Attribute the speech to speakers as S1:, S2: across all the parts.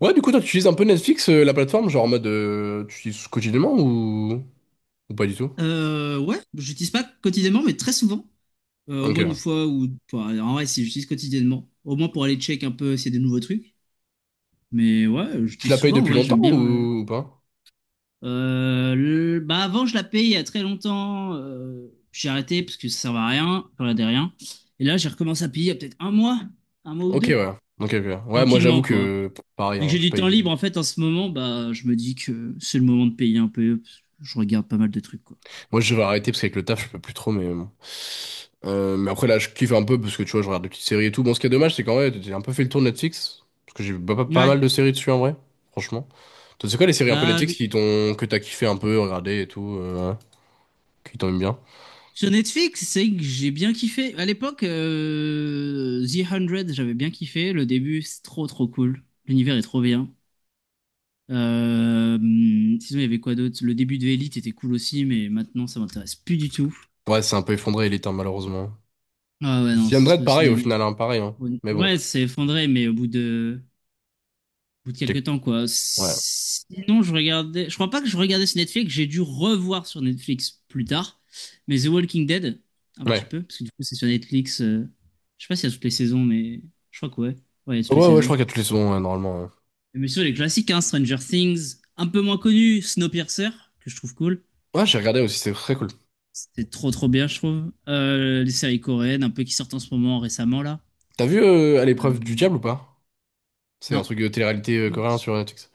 S1: Ouais, du coup, toi, tu utilises un peu Netflix, la plateforme, genre en mode, tu utilises quotidiennement ou pas du tout?
S2: Ouais, j'utilise pas quotidiennement, mais très souvent. Au
S1: Ok,
S2: moins une
S1: ouais.
S2: fois ou. Enfin, en vrai, si j'utilise quotidiennement. Au moins pour aller check un peu s'il y a des nouveaux trucs. Mais ouais,
S1: Tu
S2: j'utilise
S1: la payes
S2: souvent,
S1: depuis
S2: ouais,
S1: longtemps
S2: j'aime bien.
S1: ou pas?
S2: Avant, je la payais il y a très longtemps. J'ai arrêté parce que ça servait à rien. Ça Je regardais rien. Et là, j'ai recommencé à payer il y a peut-être un mois ou
S1: Ok,
S2: deux.
S1: ouais. Ok, ok. Ouais, moi, j'avoue
S2: Tranquillement, quoi.
S1: que, pff, pareil,
S2: Vu que
S1: hein,
S2: j'ai
S1: je
S2: du
S1: paye.
S2: temps libre, en fait, en ce moment, bah, je me dis que c'est le moment de payer un peu, parce que je regarde pas mal de trucs, quoi.
S1: Moi, je vais arrêter parce qu'avec le taf, je peux plus trop, mais bon. Mais après, là, je kiffe un peu parce que, tu vois, je regarde des petites séries et tout. Bon, ce qui est dommage, c'est qu'en vrai, j'ai un peu fait le tour de Netflix. Parce que j'ai pas, pas- pas
S2: Ouais.
S1: mal de séries dessus, en vrai. Franchement. Toi, c'est quoi les séries un peu
S2: Bah,
S1: Netflix qui t'ont, que t'as kiffé un peu, regardé et tout, ouais, qui t'ont aimé bien?
S2: sur Netflix, c'est que j'ai bien kiffé. À l'époque, The 100, j'avais bien kiffé. Le début, c'est trop trop cool. L'univers est trop bien. Euh, Sinon, il y avait quoi d'autre? Le début de Elite était cool aussi, mais maintenant, ça m'intéresse plus du tout.
S1: Ouais, c'est un peu effondré, Elite, hein, malheureusement.
S2: Ah ouais, non,
S1: The Undead,
S2: c'est
S1: pareil, au
S2: devenu...
S1: final, hein, pareil, hein. Mais bon.
S2: Ouais, c'est effondré, mais au bout de quelques
S1: j'ai-
S2: temps, quoi.
S1: Ouais.
S2: Sinon, je regardais. Je crois pas que je regardais sur Netflix. J'ai dû revoir sur Netflix plus tard. Mais The Walking Dead, un petit
S1: Ouais.
S2: peu, parce que du coup, c'est sur Netflix. Je sais pas s'il y a toutes les saisons, mais je crois que ouais. Ouais, il y a toutes les
S1: Ouais, ouais, je crois
S2: saisons.
S1: qu'il y a toutes les saisons, ouais, normalement. Ouais.
S2: Mais sur les classiques, hein, Stranger Things, un peu moins connu, Snowpiercer, que je trouve cool.
S1: Ouais, j'ai regardé aussi, c'est très cool.
S2: C'est trop trop bien, je trouve. Les séries coréennes, un peu qui sortent en ce moment récemment là.
S1: T'as vu À l'épreuve du
S2: Euh,
S1: diable ou pas? C'est un
S2: Non.
S1: truc de télé-réalité coréen sur Netflix.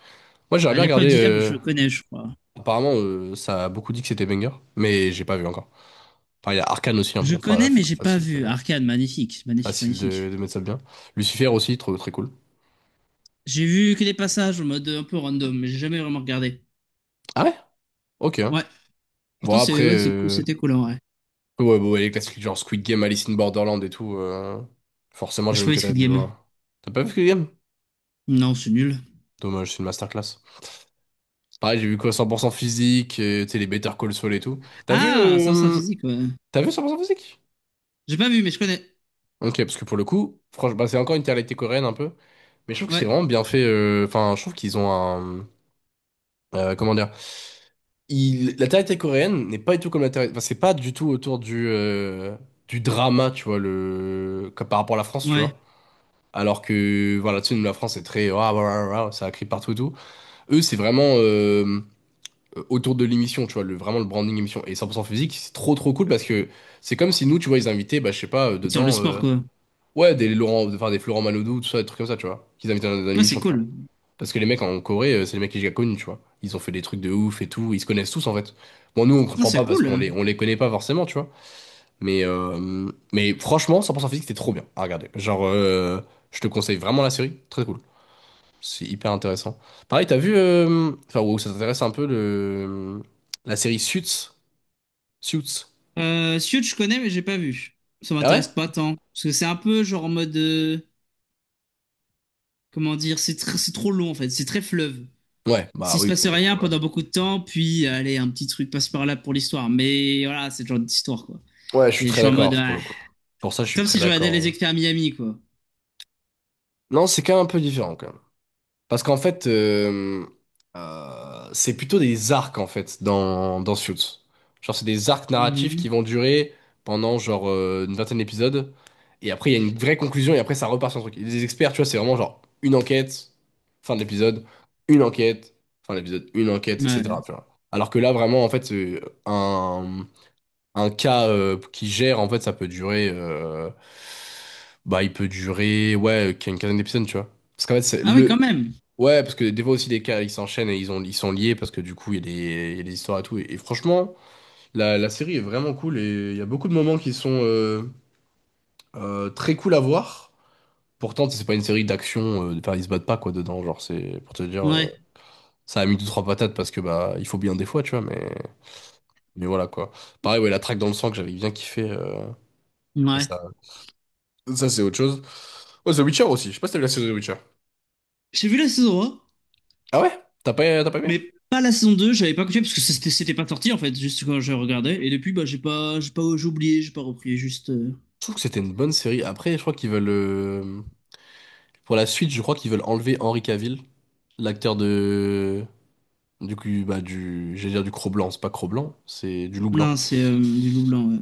S1: Moi, j'aimerais
S2: À
S1: bien
S2: l'épreuve
S1: regarder.
S2: du diable, je connais, je crois.
S1: Apparemment, ça a beaucoup dit que c'était banger, mais j'ai pas vu encore. Enfin, il y a Arcane aussi, hein,
S2: Je
S1: bon, fa-
S2: connais, mais
S1: fa-
S2: j'ai pas
S1: facile de,
S2: vu. Arcane, magnifique, magnifique,
S1: facile de,
S2: magnifique.
S1: de mettre ça bien. Lucifer aussi, trop, très cool.
S2: J'ai vu que des passages en mode un peu random, mais j'ai jamais vraiment regardé.
S1: Ah ouais? Ok, hein.
S2: Ouais.
S1: Bon,
S2: Pourtant, c'est,
S1: après,
S2: ouais, c'est cool, c'était cool, en vrai.
S1: ouais, bon, ouais, les classiques genre Squid Game, Alice in Borderland et tout, forcément,
S2: J'ai pas
S1: j'imagine
S2: vu
S1: que t'as
S2: Squid
S1: dû
S2: Game.
S1: voir. T'as pas vu Squid Game?
S2: Non, c'est nul.
S1: Dommage, c'est une masterclass. Pareil, j'ai vu quoi 100% physique, et, tu sais, les Better Call Saul et tout. T'as vu,
S2: Ah, ça, c'est un
S1: euh,
S2: physique, ouais.
S1: t'as vu 100% physique?
S2: J'ai pas vu, mais je connais.
S1: Ok, parce que pour le coup, franchement, bah, c'est encore une réalité coréenne un peu. Mais je trouve que c'est
S2: Ouais,
S1: vraiment bien fait. Enfin, je trouve qu'ils ont un. Comment dire? Il, la télé coréenne n'est pas du tout comme la télé. Enfin, c'est pas du tout autour du drama, tu vois, le, comme par rapport à la France, tu
S2: ouais.
S1: vois. Alors que, voilà, tu sais, nous, la France est très. Ah ah ah ah ça crie partout et tout. Eux, c'est vraiment. Autour de l'émission, tu vois, le, vraiment le branding émission. Et 100% physique, c'est trop trop cool parce que c'est comme si nous, tu vois, ils invitaient, bah, je sais pas,
S2: C'est sur le
S1: dedans,
S2: sport, quoi.
S1: ouais, des Laurent, enfin des Florent Manodou, tout ça, des trucs comme ça, tu vois, qu'ils invitaient dans, dans
S2: Ouais, c'est
S1: l'émission, tu vois.
S2: cool.
S1: Parce que les mecs en Corée, c'est les mecs que j'ai connus, tu vois. Ils ont fait des trucs de ouf et tout, ils se connaissent tous en fait. Bon, nous, on
S2: Ah,
S1: comprend
S2: c'est
S1: pas parce qu'on les,
S2: cool.
S1: on les connaît pas forcément, tu vois. Mais franchement, 100% physique, c'était trop bien à regarder. Genre, je te conseille vraiment la série, très cool. C'est hyper intéressant. Pareil, t'as vu, enfin, wow, ça t'intéresse un peu le, la série Suits? Suits.
S2: Suits, je connais, mais j'ai pas vu. Ça
S1: Ah ouais?
S2: m'intéresse pas tant. Parce que c'est un peu genre en mode, comment dire? C'est trop long, en fait. C'est très fleuve.
S1: Ouais, bah
S2: S'il se
S1: oui,
S2: passe
S1: pour le
S2: rien
S1: coup. Ouais,
S2: pendant beaucoup de temps, puis allez, un petit truc passe par là pour l'histoire. Mais voilà, c'est le genre d'histoire, quoi.
S1: Ouais, je suis
S2: Et je
S1: très
S2: suis en mode,
S1: d'accord, pour
S2: ouais.
S1: le coup. Pour ça, je suis
S2: Comme
S1: très
S2: si je regardais
S1: d'accord,
S2: les
S1: hein.
S2: experts Miami, quoi.
S1: Non, c'est quand même un peu différent. Parce qu'en fait, c'est plutôt des arcs, en fait, dans, dans Suits. Genre, c'est des arcs narratifs
S2: Mhm.
S1: qui vont durer pendant, genre, une vingtaine d'épisodes. Et après, il y a une vraie conclusion, et après, ça repart sur un truc. Et Les experts, tu vois, c'est vraiment, genre, une enquête, fin de l'épisode, une enquête, fin de l'épisode, une enquête, etc.,
S2: Ouais.
S1: tu vois. Alors que là, vraiment, en fait, un, un cas qui gère, en fait, ça peut durer, bah, il peut durer, ouais, une quinzaine d'épisodes, tu vois. Parce qu'en fait,
S2: Ah oui,
S1: le,
S2: quand même.
S1: ouais, parce que des fois aussi des cas ils s'enchaînent et ils ont, ils sont liés parce que du coup il y a des, il y a des histoires et tout. Et franchement, la série est vraiment cool et il y a beaucoup de moments qui sont très cool à voir. Pourtant, c'est pas une série d'action, enfin ils se battent pas quoi dedans. Genre, c'est pour te dire,
S2: Ouais,
S1: ça a mis deux trois patates parce que bah il faut bien des fois, tu vois, mais voilà quoi. Pareil, ouais, la traque dans le sang que j'avais bien kiffé, mais
S2: ouais.
S1: ça c'est autre chose. Oh, The Witcher aussi, je sais pas si t'as vu la série The Witcher.
S2: J'ai vu la saison 1,
S1: Ah ouais? T'as pas aimé?
S2: mais pas la saison 2. J'avais pas continué parce que c'était pas sorti en fait, juste quand je regardais. Et depuis, bah, j'ai pas, j'ai oublié, j'ai pas repris, juste.
S1: Je trouve que c'était une bonne série. Après, je crois qu'ils veulent. Pour la suite, je crois qu'ils veulent enlever Henry Cavill, l'acteur de du coup bah du j'allais dire du Cro-Blanc, c'est pas Cro-Blanc, c'est du Loup
S2: Non,
S1: Blanc.
S2: c'est du loup blanc, ouais.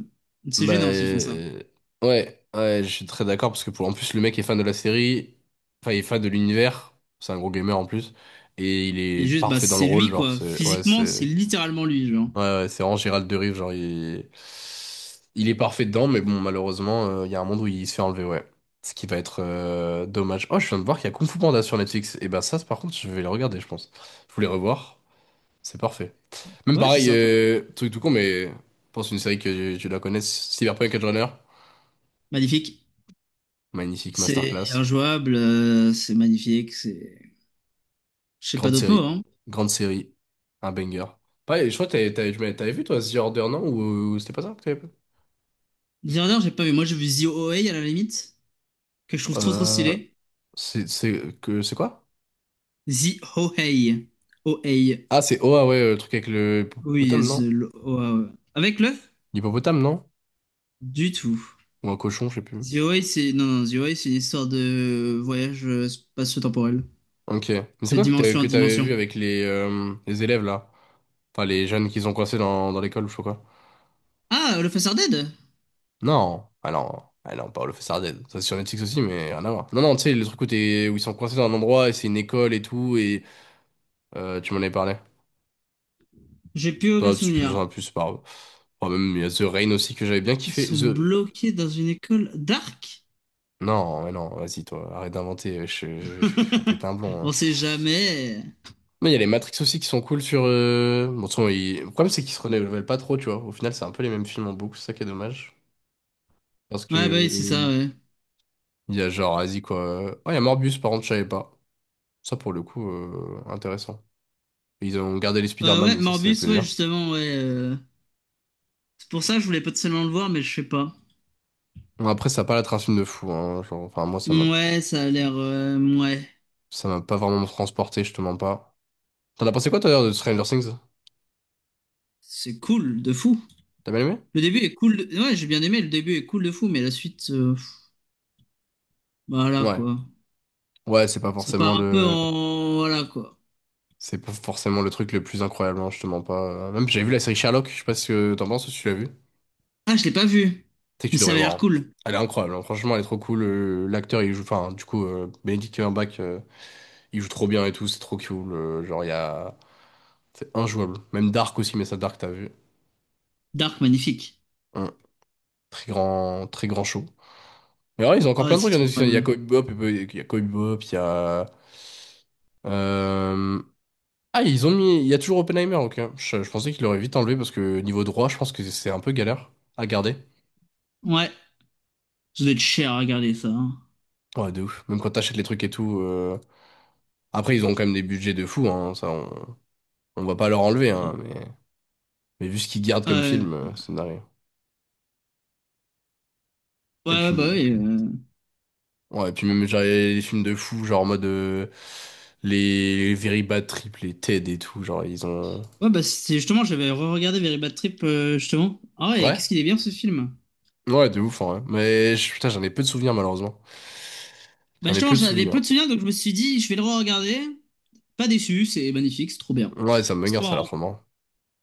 S2: C'est
S1: Bah
S2: gênant s'ils font ça.
S1: ouais, ouais, je suis très d'accord parce que pour en plus le mec est fan de la série, enfin il est fan de l'univers, c'est un gros gamer en plus et il est
S2: Et juste, bah,
S1: parfait dans le
S2: c'est
S1: rôle,
S2: lui,
S1: genre
S2: quoi.
S1: c'est ouais,
S2: Physiquement, c'est
S1: c'est
S2: littéralement lui, genre.
S1: ouais, ouais, c'est vraiment Gérald Derive, genre il est parfait dedans, mais bon, malheureusement, il y a un monde où il se fait enlever, ouais. Ce qui va être dommage. Oh, je viens de voir qu'il y a Kung Fu Panda sur Netflix. Et ben ça, par contre, je vais le regarder, je pense. Je voulais revoir, c'est parfait. Même
S2: Ouais, c'est
S1: pareil,
S2: sympa.
S1: truc tout con, mais je pense une série que tu la connais, Cyberpunk Edgerunner.
S2: Magnifique.
S1: Magnifique
S2: C'est
S1: masterclass.
S2: injouable, c'est magnifique, c'est... Je sais pas
S1: Grande
S2: d'autres mots,
S1: série,
S2: hein.
S1: grande série, un banger. Pareil, je crois que t'avais vu toi The Order, non? Ou c'était pas ça que t'avais pas?
S2: Dishardeur, j'ai pas vu. Moi, j'ai vu The Ohei à la limite, que je trouve trop trop
S1: Euh,
S2: stylé.
S1: c'est que c'est quoi?
S2: The Ohei. Ohei.
S1: Ah, c'est Oa, ouais, le truc avec le
S2: Oui,
S1: hippopotame, non?
S2: the... oh, ah ouais. Avec le?
S1: L'hippopotame, non?
S2: Du tout.
S1: Ou un cochon, je sais plus.
S2: The Ohei, c'est... Non, non, The Ohei, c'est une histoire de voyage spatio-temporel.
S1: Ok. Mais c'est
S2: De
S1: quoi que t'avais
S2: dimension en
S1: que t'avais vu
S2: dimension.
S1: avec les élèves, là? Enfin, les jeunes qu'ils ont coincés dans, dans l'école, ou je sais pas quoi.
S2: Ah, le Face Dead?
S1: Non. Ah non. Ah non, Paolo Fessarden. Ça, c'est sur Netflix aussi, mais rien à voir. Non, non, tu sais, le truc où, où ils sont coincés dans un endroit et c'est une école et tout, et tu m'en avais parlé.
S2: J'ai plus aucun
S1: Toi, tu fais
S2: souvenir.
S1: un plus, c'est pas grave. Enfin, même, il y a The Rain aussi que j'avais bien
S2: Ils
S1: kiffé.
S2: sont
S1: The.
S2: bloqués dans une école dark?
S1: Non, mais non, vas-y, toi, arrête d'inventer. Je vais péter un blond, hein.
S2: On sait jamais.
S1: Mais il y a les Matrix aussi qui sont cool sur. Bon, de toute façon, le problème, c'est qu'ils se renouvellent pas trop, tu vois. Au final, c'est un peu les mêmes films en boucle, c'est ça qui est dommage. Parce que.
S2: Ouais, bah oui, c'est ça, ouais.
S1: Il y a genre, vas-y quoi. Oh, il y a Morbius, par contre, je savais pas. Ça, pour le coup, intéressant. Ils ont gardé les Spider-Man
S2: Ouais,
S1: et ça fait
S2: Morbius, ouais,
S1: plaisir.
S2: justement, ouais. C'est pour ça que je voulais potentiellement le voir, mais je sais pas.
S1: Bon, après, ça a pas la un film de fou, hein. Genre, enfin, moi, ça m'a
S2: Ouais, ça a l'air. Ouais.
S1: ça m'a pas vraiment transporté, je te mens pas. T'en as pensé quoi, toi, d'ailleurs, de Stranger Things?
S2: C'est cool, de fou.
S1: T'as bien aimé?
S2: Le début est cool. de- Ouais, j'ai bien aimé, le début est cool de fou, mais la suite, pff, voilà
S1: Ouais.
S2: quoi.
S1: Ouais, c'est pas
S2: Ça
S1: forcément
S2: part un peu
S1: le.
S2: en. Voilà quoi.
S1: C'est pas forcément le truc le plus incroyable, hein, je te mens pas. Même, j'ai vu la série Sherlock, je sais pas ce que t'en penses, si tu l'as vu.
S2: Ah, je l'ai pas vu.
S1: Sais que
S2: Mais
S1: tu
S2: ça
S1: devrais
S2: avait
S1: voir,
S2: l'air
S1: hein.
S2: cool.
S1: Elle est incroyable, hein. Franchement, elle est trop cool. L'acteur, il joue, enfin, du coup, Benedict Cumberbatch, il joue trop bien et tout, c'est trop cool. Genre, il y a. C'est injouable. Même Dark aussi, mais ça, Dark, t'as vu.
S2: Dark, magnifique.
S1: Hum. Très grand show. Mais ouais, ils ont encore
S2: Ah, ouais,
S1: plein de
S2: c'est
S1: trucs. Il y en
S2: trop
S1: a,
S2: incroyable.
S1: Il y a Cowboy Bebop, il y a. Euh, Ah, ils ont mis. Il y a toujours Oppenheimer, ok. Je pensais qu'ils l'auraient vite enlevé parce que niveau droit, je pense que c'est un peu galère à garder.
S2: Ouais, ça doit être cher à regarder ça, hein.
S1: Ouais, de ouf. Même quand t'achètes les trucs et tout. Après, ils ont quand même des budgets de fou, hein, ça, on va pas leur enlever,
S2: Ouais,
S1: hein, mais vu ce qu'ils gardent comme
S2: ouais,
S1: film, c'est narré.
S2: ouais,
S1: Et
S2: ouais,
S1: puis,
S2: bah oui.
S1: ouais, et puis même genre, les films de fous, genre en mode les Very Bad Trip, les TED et tout, genre ils ont.
S2: Ouais, bah c'est justement, j'avais re-regardé Very Bad Trip, justement. Ah ouais,
S1: Ouais,
S2: qu'est-ce qu'il est bien ce film.
S1: ouais, de ouf, hein, ouais. Mais putain, j'en ai peu de souvenirs malheureusement.
S2: Bah
S1: J'en ai
S2: justement,
S1: peu de
S2: j'en avais
S1: souvenirs.
S2: peu de souvenirs, donc je me suis dit, je vais le re-regarder. Pas déçu, c'est magnifique, c'est trop bien.
S1: Ouais,
S2: C'est trop
S1: ça a l'air
S2: marrant.
S1: trop marrant.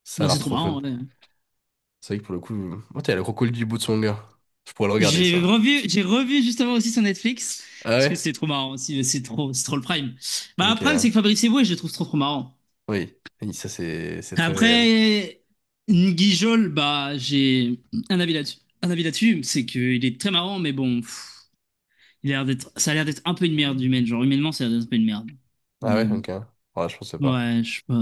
S1: Ça a
S2: Bah,
S1: l'air
S2: c'est trop
S1: trop fun.
S2: marrant, ouais.
S1: C'est vrai que pour le coup, oh, t'as le crocodile du bout de son gars. Je pourrais le regarder
S2: J'ai
S1: ça.
S2: revu, j'ai revu justement aussi sur Netflix,
S1: Ah
S2: parce que
S1: ouais?
S2: c'est trop marrant aussi, c'est trop le prime. Bah, le prime, c'est
S1: Ok.
S2: que Fabrice Eboué, je le trouve trop trop marrant.
S1: Oui. Oui, ça c'est très réel.
S2: Après, Nguijol, bah, j'ai un avis là-dessus. Un avis là-dessus, c'est qu'il est très marrant, mais bon, pff, il a l'air d'être, ça a l'air d'être un peu une merde humaine. Genre, humainement, ça a l'air d'être un peu une merde.
S1: Ah
S2: Mais
S1: ouais,
S2: bon,
S1: ok. Ouais, je pensais pas.
S2: ouais, je sais pas.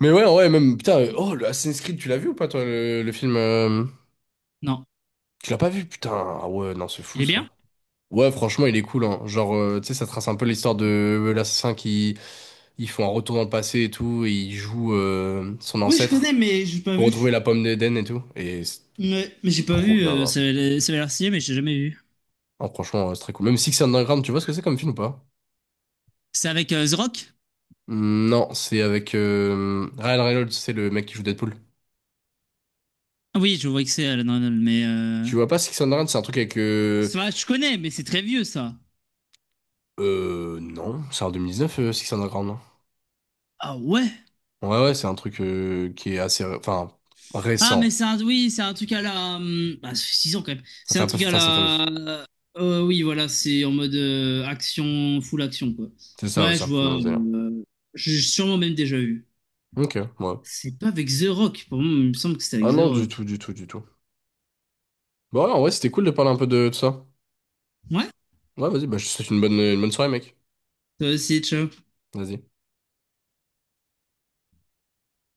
S1: Mais ouais, ouais, même, putain, oh, le Assassin's Creed, tu l'as vu ou pas, toi, le film. Euh,
S2: Non.
S1: Tu l'as pas vu, putain, ah ouais, non, c'est fou,
S2: Il est bien?
S1: ça. Ouais, franchement, il est cool, hein. Genre, tu sais, ça trace un peu l'histoire de l'assassin qui. Ils font un retour dans le passé et tout, et il joue son
S2: Oui, je connais,
S1: ancêtre
S2: mais j'ai pas
S1: pour retrouver
S2: vu.
S1: la pomme d'Éden et tout. Et c'est
S2: J'ai pas
S1: trop
S2: vu,
S1: bien, hein.
S2: ça avait l'air stylé, mais j'ai jamais vu.
S1: Ah, franchement, c'est très cool. Même Six Underground, tu vois ce que c'est comme film ou pas?
S2: C'est avec The Rock?
S1: Hmm, non, c'est avec Ryan Reynolds, c'est le mec qui joue Deadpool.
S2: Ah oui, je vois que c'est Alan Arnold, mais...
S1: Tu vois pas Six Underground, c'est un truc avec.
S2: Ça, je connais, mais c'est très vieux, ça.
S1: Non, c'est en 2019, Six Underground.
S2: Ah ouais?
S1: Ouais, ouais, c'est un truc qui est assez, enfin,
S2: Ah, mais
S1: récent.
S2: c'est un... Oui, c'est un truc à la... Bah, ça fait 6 ans, quand même.
S1: Ça
S2: C'est
S1: fait
S2: un
S1: un peu
S2: truc à
S1: Fast and Furious.
S2: la... oui, voilà, c'est en mode action, full action, quoi.
S1: C'est ça, ouais,
S2: Ouais,
S1: c'est
S2: je
S1: un peu
S2: vois.
S1: dans ce délire.
S2: J'ai sûrement même déjà vu.
S1: Ok, ouais.
S2: C'est pas avec The Rock. Pour moi, il me semble que c'était
S1: Ah
S2: avec The
S1: non, du tout,
S2: Rock.
S1: du tout, du tout. Bon, ouais, en vrai, c'était cool de parler un peu de ça.
S2: Ouais?
S1: Ouais, vas-y, bah, je te souhaite une bonne soirée, mec.
S2: Toi aussi, ciao.
S1: Vas-y.